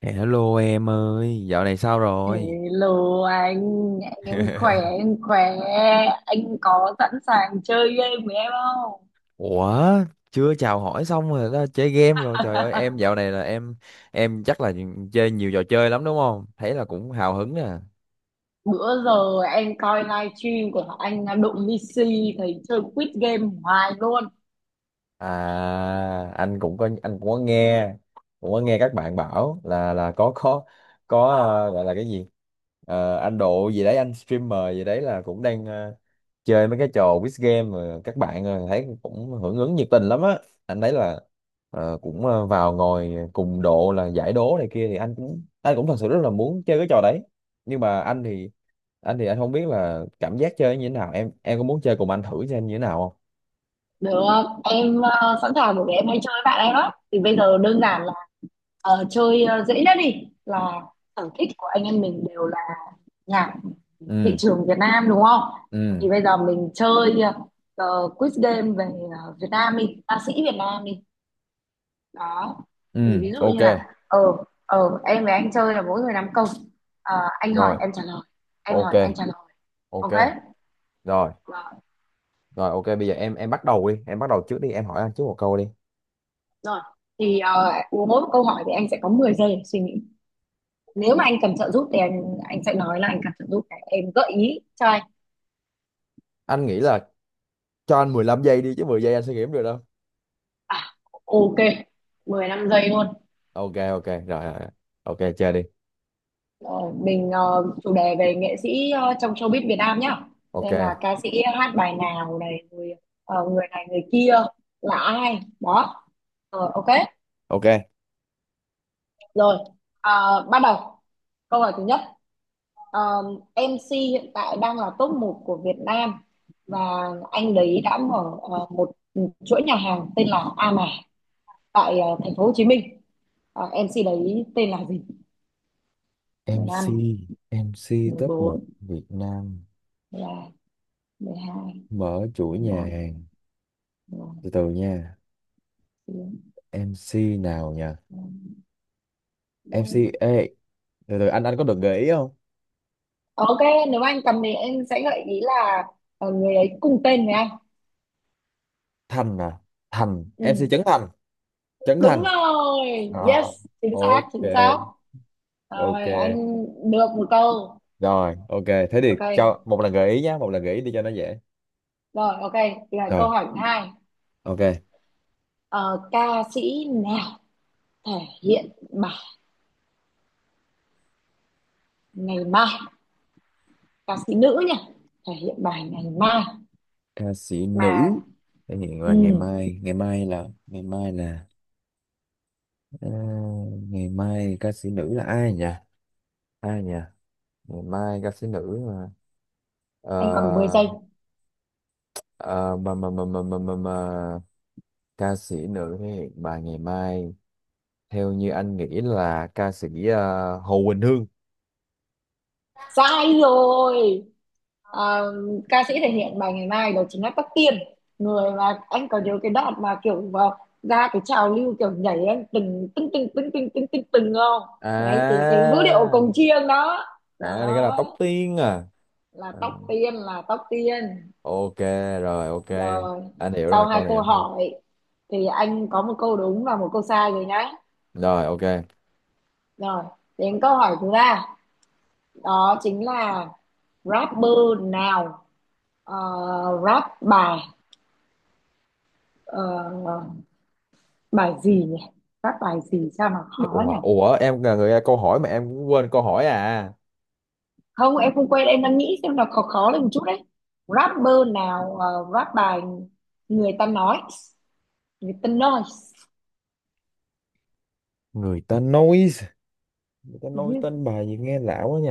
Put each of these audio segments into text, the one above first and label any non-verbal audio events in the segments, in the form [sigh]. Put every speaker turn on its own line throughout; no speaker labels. Hello em ơi, dạo này sao rồi?
Hello anh, em khỏe,
[laughs]
em khỏe. Anh có sẵn sàng chơi game với em không?
Ủa, chưa chào hỏi xong rồi đó, chơi game rồi. Trời ơi, em
[laughs]
dạo này là em chắc là chơi nhiều trò chơi lắm đúng không? Thấy là cũng hào hứng nè.
Bữa giờ em coi livestream của anh Đụng Missy thấy chơi quiz game hoài luôn.
À, anh cũng có nghe, cũng có nghe các bạn bảo là có có gọi là cái gì. Ờ, anh độ gì đấy, anh streamer gì đấy là cũng đang chơi mấy cái trò quiz game mà các bạn thấy cũng hưởng ứng nhiệt tình lắm á. Anh thấy là cũng vào ngồi cùng độ là giải đố này kia thì anh cũng thật sự rất là muốn chơi cái trò đấy, nhưng mà anh thì anh không biết là cảm giác chơi như thế nào. Em có muốn chơi cùng anh thử xem như thế nào không?
Được, không? Em sẵn sàng bởi vì em hay chơi với bạn em đó. Thì bây giờ đơn giản là chơi dễ nhất đi, là sở thích của anh em mình đều là nhạc thị
Ừ,
trường Việt Nam, đúng không?
ừ,
Thì bây giờ mình chơi ờ, quiz game về Việt Nam đi, ca sĩ Việt Nam đi. Đó, thì
ừ,
ví dụ
ok.
như là ờ ờ em với anh chơi là mỗi người năm câu. Ờ, anh hỏi
Rồi,
em trả lời, em
ok.
hỏi anh trả lời,
Ok,
ok.
rồi
Đó.
rồi ok, bây giờ em bắt đầu đi, em bắt đầu trước đi, em hỏi anh trước một câu đi.
Rồi, thì mỗi một câu hỏi thì anh sẽ có 10 giây để suy nghĩ. Nếu mà anh cần trợ giúp thì anh sẽ nói là anh cần trợ giúp để em gợi ý cho anh.
Anh nghĩ là cho anh 15 giây đi, chứ 10 giây anh sẽ nghiệm được đâu.
À, ok, 15 giây luôn.
Ok, ok rồi rồi rồi. Ok, chơi đi.
Rồi, mình chủ đề về nghệ sĩ trong showbiz Việt Nam nhá. Xem là
Ok,
ca sĩ hát bài nào, này người người này người kia là ai đó. Ờ, ok.
ok,
Rồi, bắt đầu. Câu hỏi thứ nhất, Ờ, MC hiện tại đang là top một của Việt Nam và anh đấy đã mở một chuỗi nhà hàng tên là A Mã tại thành phố Hồ Chí Minh. Ờ, MC đấy tên là gì?
MC.
Mười
MC top một
14,
Việt Nam
mười 12, mười
mở chuỗi nhà
12,
hàng,
mười
từ từ nha.
14.
MC nào nhỉ? MC ê, từ từ anh có được gợi ý không?
Ok, nếu anh cầm thì em sẽ gợi ý là người ấy cùng tên với anh.
Thành à? Thành
Ừ.
MC Trấn Thành. Trấn
Đúng
Thành.
rồi,
Ờ,
yes, chính xác,
ok.
chính xác.
Ok
Rồi, anh được một câu.
rồi, ok, thế thì
Ok,
cho một lần gợi ý nhá, một lần gợi ý đi cho nó dễ.
rồi ok, là
Rồi,
câu hỏi thứ hai.
ok.
Ờ, ca sĩ nào thể hiện bài ngày mai? Ca sĩ nữ nhỉ? Thể hiện bài ngày mai
Ca sĩ
mà.
nữ thể hiện
Ừ,
là ngày mai. Ngày mai là ngày mai là ờ, ngày mai ca sĩ nữ là ai nhỉ? Ai nhỉ? Ngày mai ca sĩ nữ mà ờ
anh còn 10 giây.
ờ, mà ca sĩ nữ thì bà ngày mai, theo như anh nghĩ là ca sĩ Hồ Quỳnh Hương.
Sai rồi. Ờ, ca sĩ thể hiện bài ngày mai đó chính là Tóc Tiên. Người mà anh có nhớ cái đoạn mà kiểu vào ra cái trào lưu kiểu nhảy anh từng từng từng từng từng từng từng từng không? Đấy, cái
À,
cái vũ điệu cồng chiêng đó.
à, này cái là
Đó
Tóc Tiên à?
là
À,
Tóc Tiên, là Tóc Tiên.
ok, rồi ok,
Rồi,
anh hiểu rồi,
sau
câu
hai
này
câu
anh thua.
hỏi thì anh có một câu đúng và một câu sai rồi nhá.
Rồi ok.
Rồi, đến câu hỏi thứ ba. Đó chính là rapper nào ờ, rap bài ờ, bài gì nhỉ? Rap bài gì sao nó khó
Ủa,
nhỉ?
ủa em là người câu hỏi mà em cũng quên câu hỏi à?
Không, em không quên, em đang nghĩ xem nó khó, khó lên một chút đấy. Rapper nào rap bài người ta nói, người ta nói.
Người ta nói. Người ta
Ừ.
nói tên bài gì nghe lạ quá nhỉ?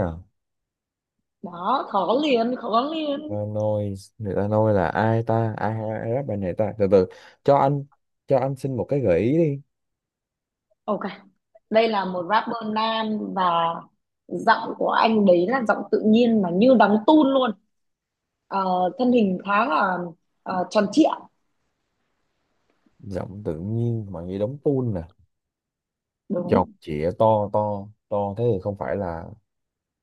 Đó, khó liền, khó liền.
Lanoi người ta nói là ai ta? Ai, ai, ai rap bài này ta? Từ từ cho anh, cho anh xin một cái gợi ý đi.
Ok, đây là một rapper nam và giọng của anh đấy là giọng tự nhiên mà như đóng tun luôn. Ờ, thân hình khá là tròn trịa,
Giọng tự nhiên mà nghe đóng tuôn nè, chọc
đúng.
chĩa to to. Thế thì không phải là,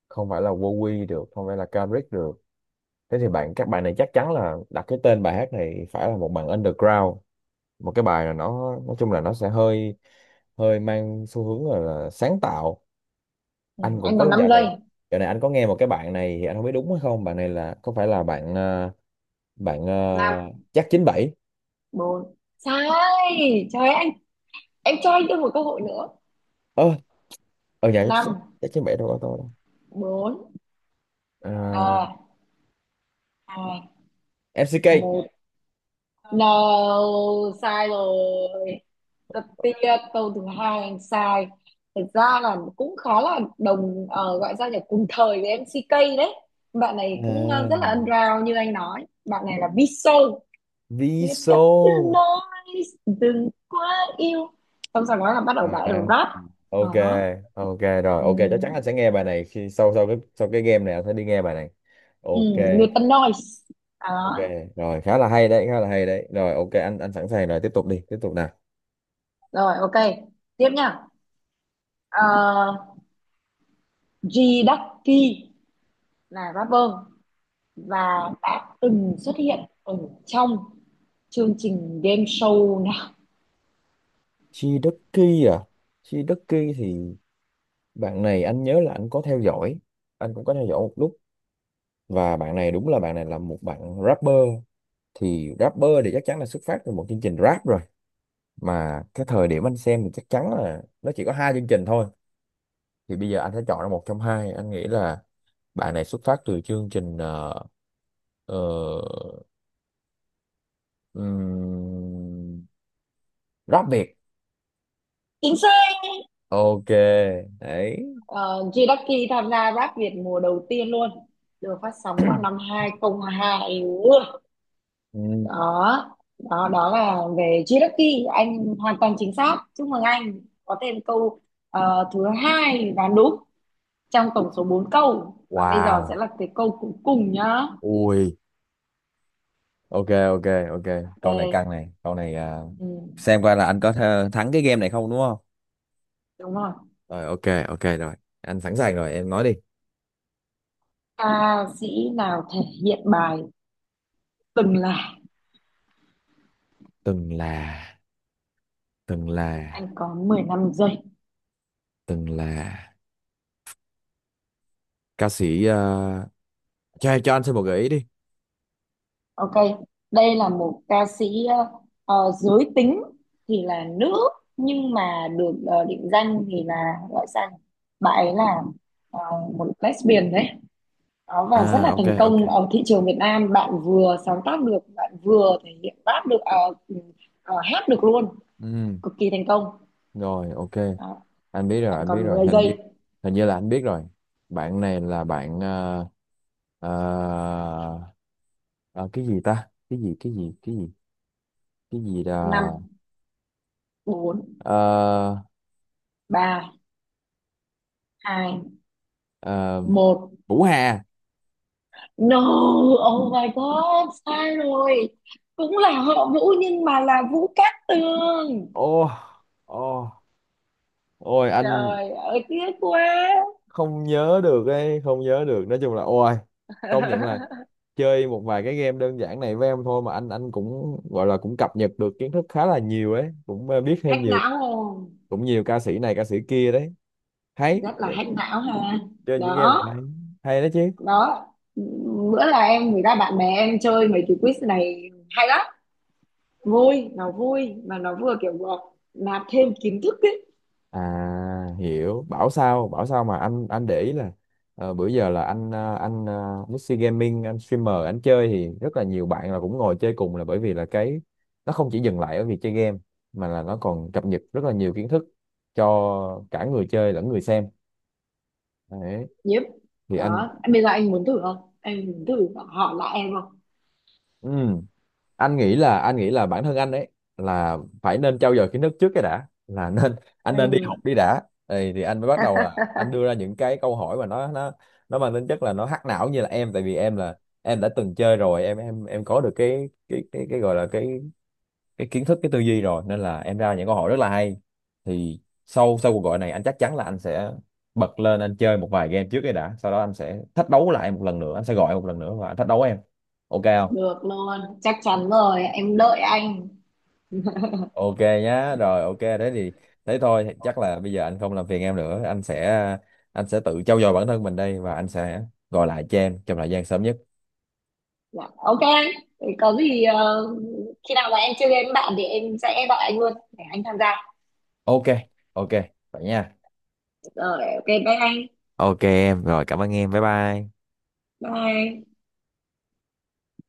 không phải là Wowy được, không phải là Kendrick được. Thế thì các bạn này chắc chắn là đặt cái tên bài hát này phải là một bạn underground, một cái bài là, nó nói chung là nó sẽ hơi, hơi mang xu hướng là sáng tạo.
Ừ,
Anh cũng
anh còn
có
năm
dạo
giây.
này, dạo này anh có nghe một cái bạn này, thì anh không biết đúng hay không, bạn này là có phải là bạn bạn
Năm,
chắc chín bảy.
bốn, sai. Trời ơi, anh, em cho anh thêm một cơ hội nữa.
Ơ, ở nhà chắc,
Năm,
chắc chín bảy đâu có tôi đâu.
bốn,
À,
ba, hai,
MCK.
một. No, sai rồi. Rất tiếc câu thứ hai anh sai. Thật ra là cũng khá là đồng gọi ra là cùng thời với em, MCK đấy. Bạn này cũng
À,
rất là underground, như anh nói bạn này là Biso. Người ta cứ
Viso.
nói đừng quá yêu, xong sau đó là bắt đầu bà
À,
rap
ok.
đó.
Ok rồi,
Ừ.
ok, chắc chắn anh sẽ nghe bài này khi sau, sau cái, sau cái game này anh sẽ đi nghe bài này.
Ừ.
Ok.
Người ta nói
Ok
đó.
rồi, khá là hay đấy, khá là hay đấy. Rồi ok, anh sẵn sàng rồi, tiếp tục đi, tiếp tục nào.
Rồi ok, tiếp nha. uh, G Ducky là rapper và đã từng xuất hiện ở trong chương trình game show nào?
Chiducky à? Chiducky thì bạn này anh nhớ là anh có theo dõi, anh cũng có theo dõi một lúc. Và bạn này đúng là, bạn này là một bạn rapper. Thì rapper thì chắc chắn là xuất phát từ một chương trình rap rồi. Mà cái thời điểm anh xem thì chắc chắn là nó chỉ có hai chương trình thôi. Thì bây giờ anh sẽ chọn ra một trong hai, anh nghĩ là bạn này xuất phát từ chương trình ờ, ừm, rap Việt.
Chính xác.
Ok đấy.
G Ducky tham gia Rap Việt mùa đầu tiên luôn, được phát sóng vào năm 2002.
Ừm,
Đó đó đó là về Jiraki, anh hoàn toàn chính xác, chúc mừng anh có thêm câu thứ hai và đúng trong tổng số 4 câu. Và bây giờ sẽ
wow,
là cái câu cuối cùng nhá.
ui, ok, ok, ok. Câu này căng
Ok.
này, câu này à,
Ừ,
xem coi là anh có thắng cái game này không, đúng không?
đúng rồi.
Rồi ok, ok rồi, anh sẵn sàng rồi, em nói đi.
Ca sĩ nào thể hiện bài từng là?
Từng là từng là
Anh có 15 giây.
từng là ca sĩ cho anh xin một gợi ý đi.
Ok, đây là một ca sĩ giới tính thì là nữ nhưng mà được định danh thì là gọi sang bạn ấy là ờ, một lesbian đấy. Đó,
À
và rất là
ok,
thành
ok,
công ở thị trường Việt Nam, bạn vừa sáng tác được, bạn vừa thể hiện rap được, à, ừm, hát được luôn,
ừ,
cực kỳ thành công.
rồi ok,
Đó,
anh biết rồi,
bạn
anh biết
còn
rồi,
mười
hình như,
giây.
hình như là anh biết rồi. Bạn này là bạn ờ, ờ, cái gì ta, cái gì, cái gì, cái gì là
Năm, bốn,
ờ,
ba, hai,
ờ,
một.
Vũ Hà.
No, oh my god, sai rồi. Cũng là họ Vũ nhưng mà là Vũ Cát Tường.
Ô, ô, ôi anh
Trời ơi, tiếc quá.
không nhớ được ấy, không nhớ được, nói chung là ôi, công nhận là
[laughs]
chơi một vài cái game đơn giản này với em thôi mà anh cũng gọi là cũng cập nhật được kiến thức khá là nhiều ấy, cũng biết thêm
Hack
nhiều,
não không?
cũng nhiều ca sĩ này ca sĩ kia đấy, hay
Rất là
vậy,
hack não ha.
chơi những game này
Đó.
hay, hay đó chứ.
Đó, bữa là em, người ta, bạn bè em chơi mấy cái quiz này hay lắm, vui, nó vui mà nó vừa kiểu vừa nạp thêm kiến thức ấy.
À, hiểu, bảo sao, bảo sao mà anh để ý là bữa giờ là anh anh Mixi Gaming, anh streamer, anh chơi thì rất là nhiều bạn là cũng ngồi chơi cùng, là bởi vì là cái nó không chỉ dừng lại ở việc chơi game, mà là nó còn cập nhật rất là nhiều kiến thức cho cả người chơi lẫn người xem đấy.
Yep.
Thì anh.
Đó, bây giờ anh muốn thử không, anh muốn thử hỏi lại em không?
Ừ. Anh nghĩ là bản thân anh ấy là phải nên trau dồi kiến thức trước cái đã, là [laughs] nên anh nên đi học
Ừ.
đi đã. Thì anh mới bắt đầu là anh
[laughs]
đưa ra những cái câu hỏi mà nó nó mang tính chất là nó hack não như là em. Tại vì em là em đã từng chơi rồi, em có được cái cái gọi là cái kiến thức, cái tư duy rồi, nên là em ra những câu hỏi rất là hay. Thì sau, sau cuộc gọi này anh chắc chắn là anh sẽ bật lên anh chơi một vài game trước cái đã, sau đó anh sẽ thách đấu lại một lần nữa, anh sẽ gọi một lần nữa và anh thách đấu em, ok không?
Được luôn, chắc chắn rồi, em đợi anh.
Ok nhá, rồi ok đấy, thì thế thôi, chắc là bây giờ anh không làm phiền em nữa, anh sẽ tự trau dồi bản thân mình đây, và anh sẽ gọi lại cho em trong thời gian sớm nhất.
Dạ, ok. Thế có gì khi nào mà em chơi game với bạn thì em sẽ gọi anh luôn để anh tham gia.
Ok, ok, vậy nha.
Rồi ok, bye anh.
Ok em, rồi cảm ơn em, bye bye.
Bye.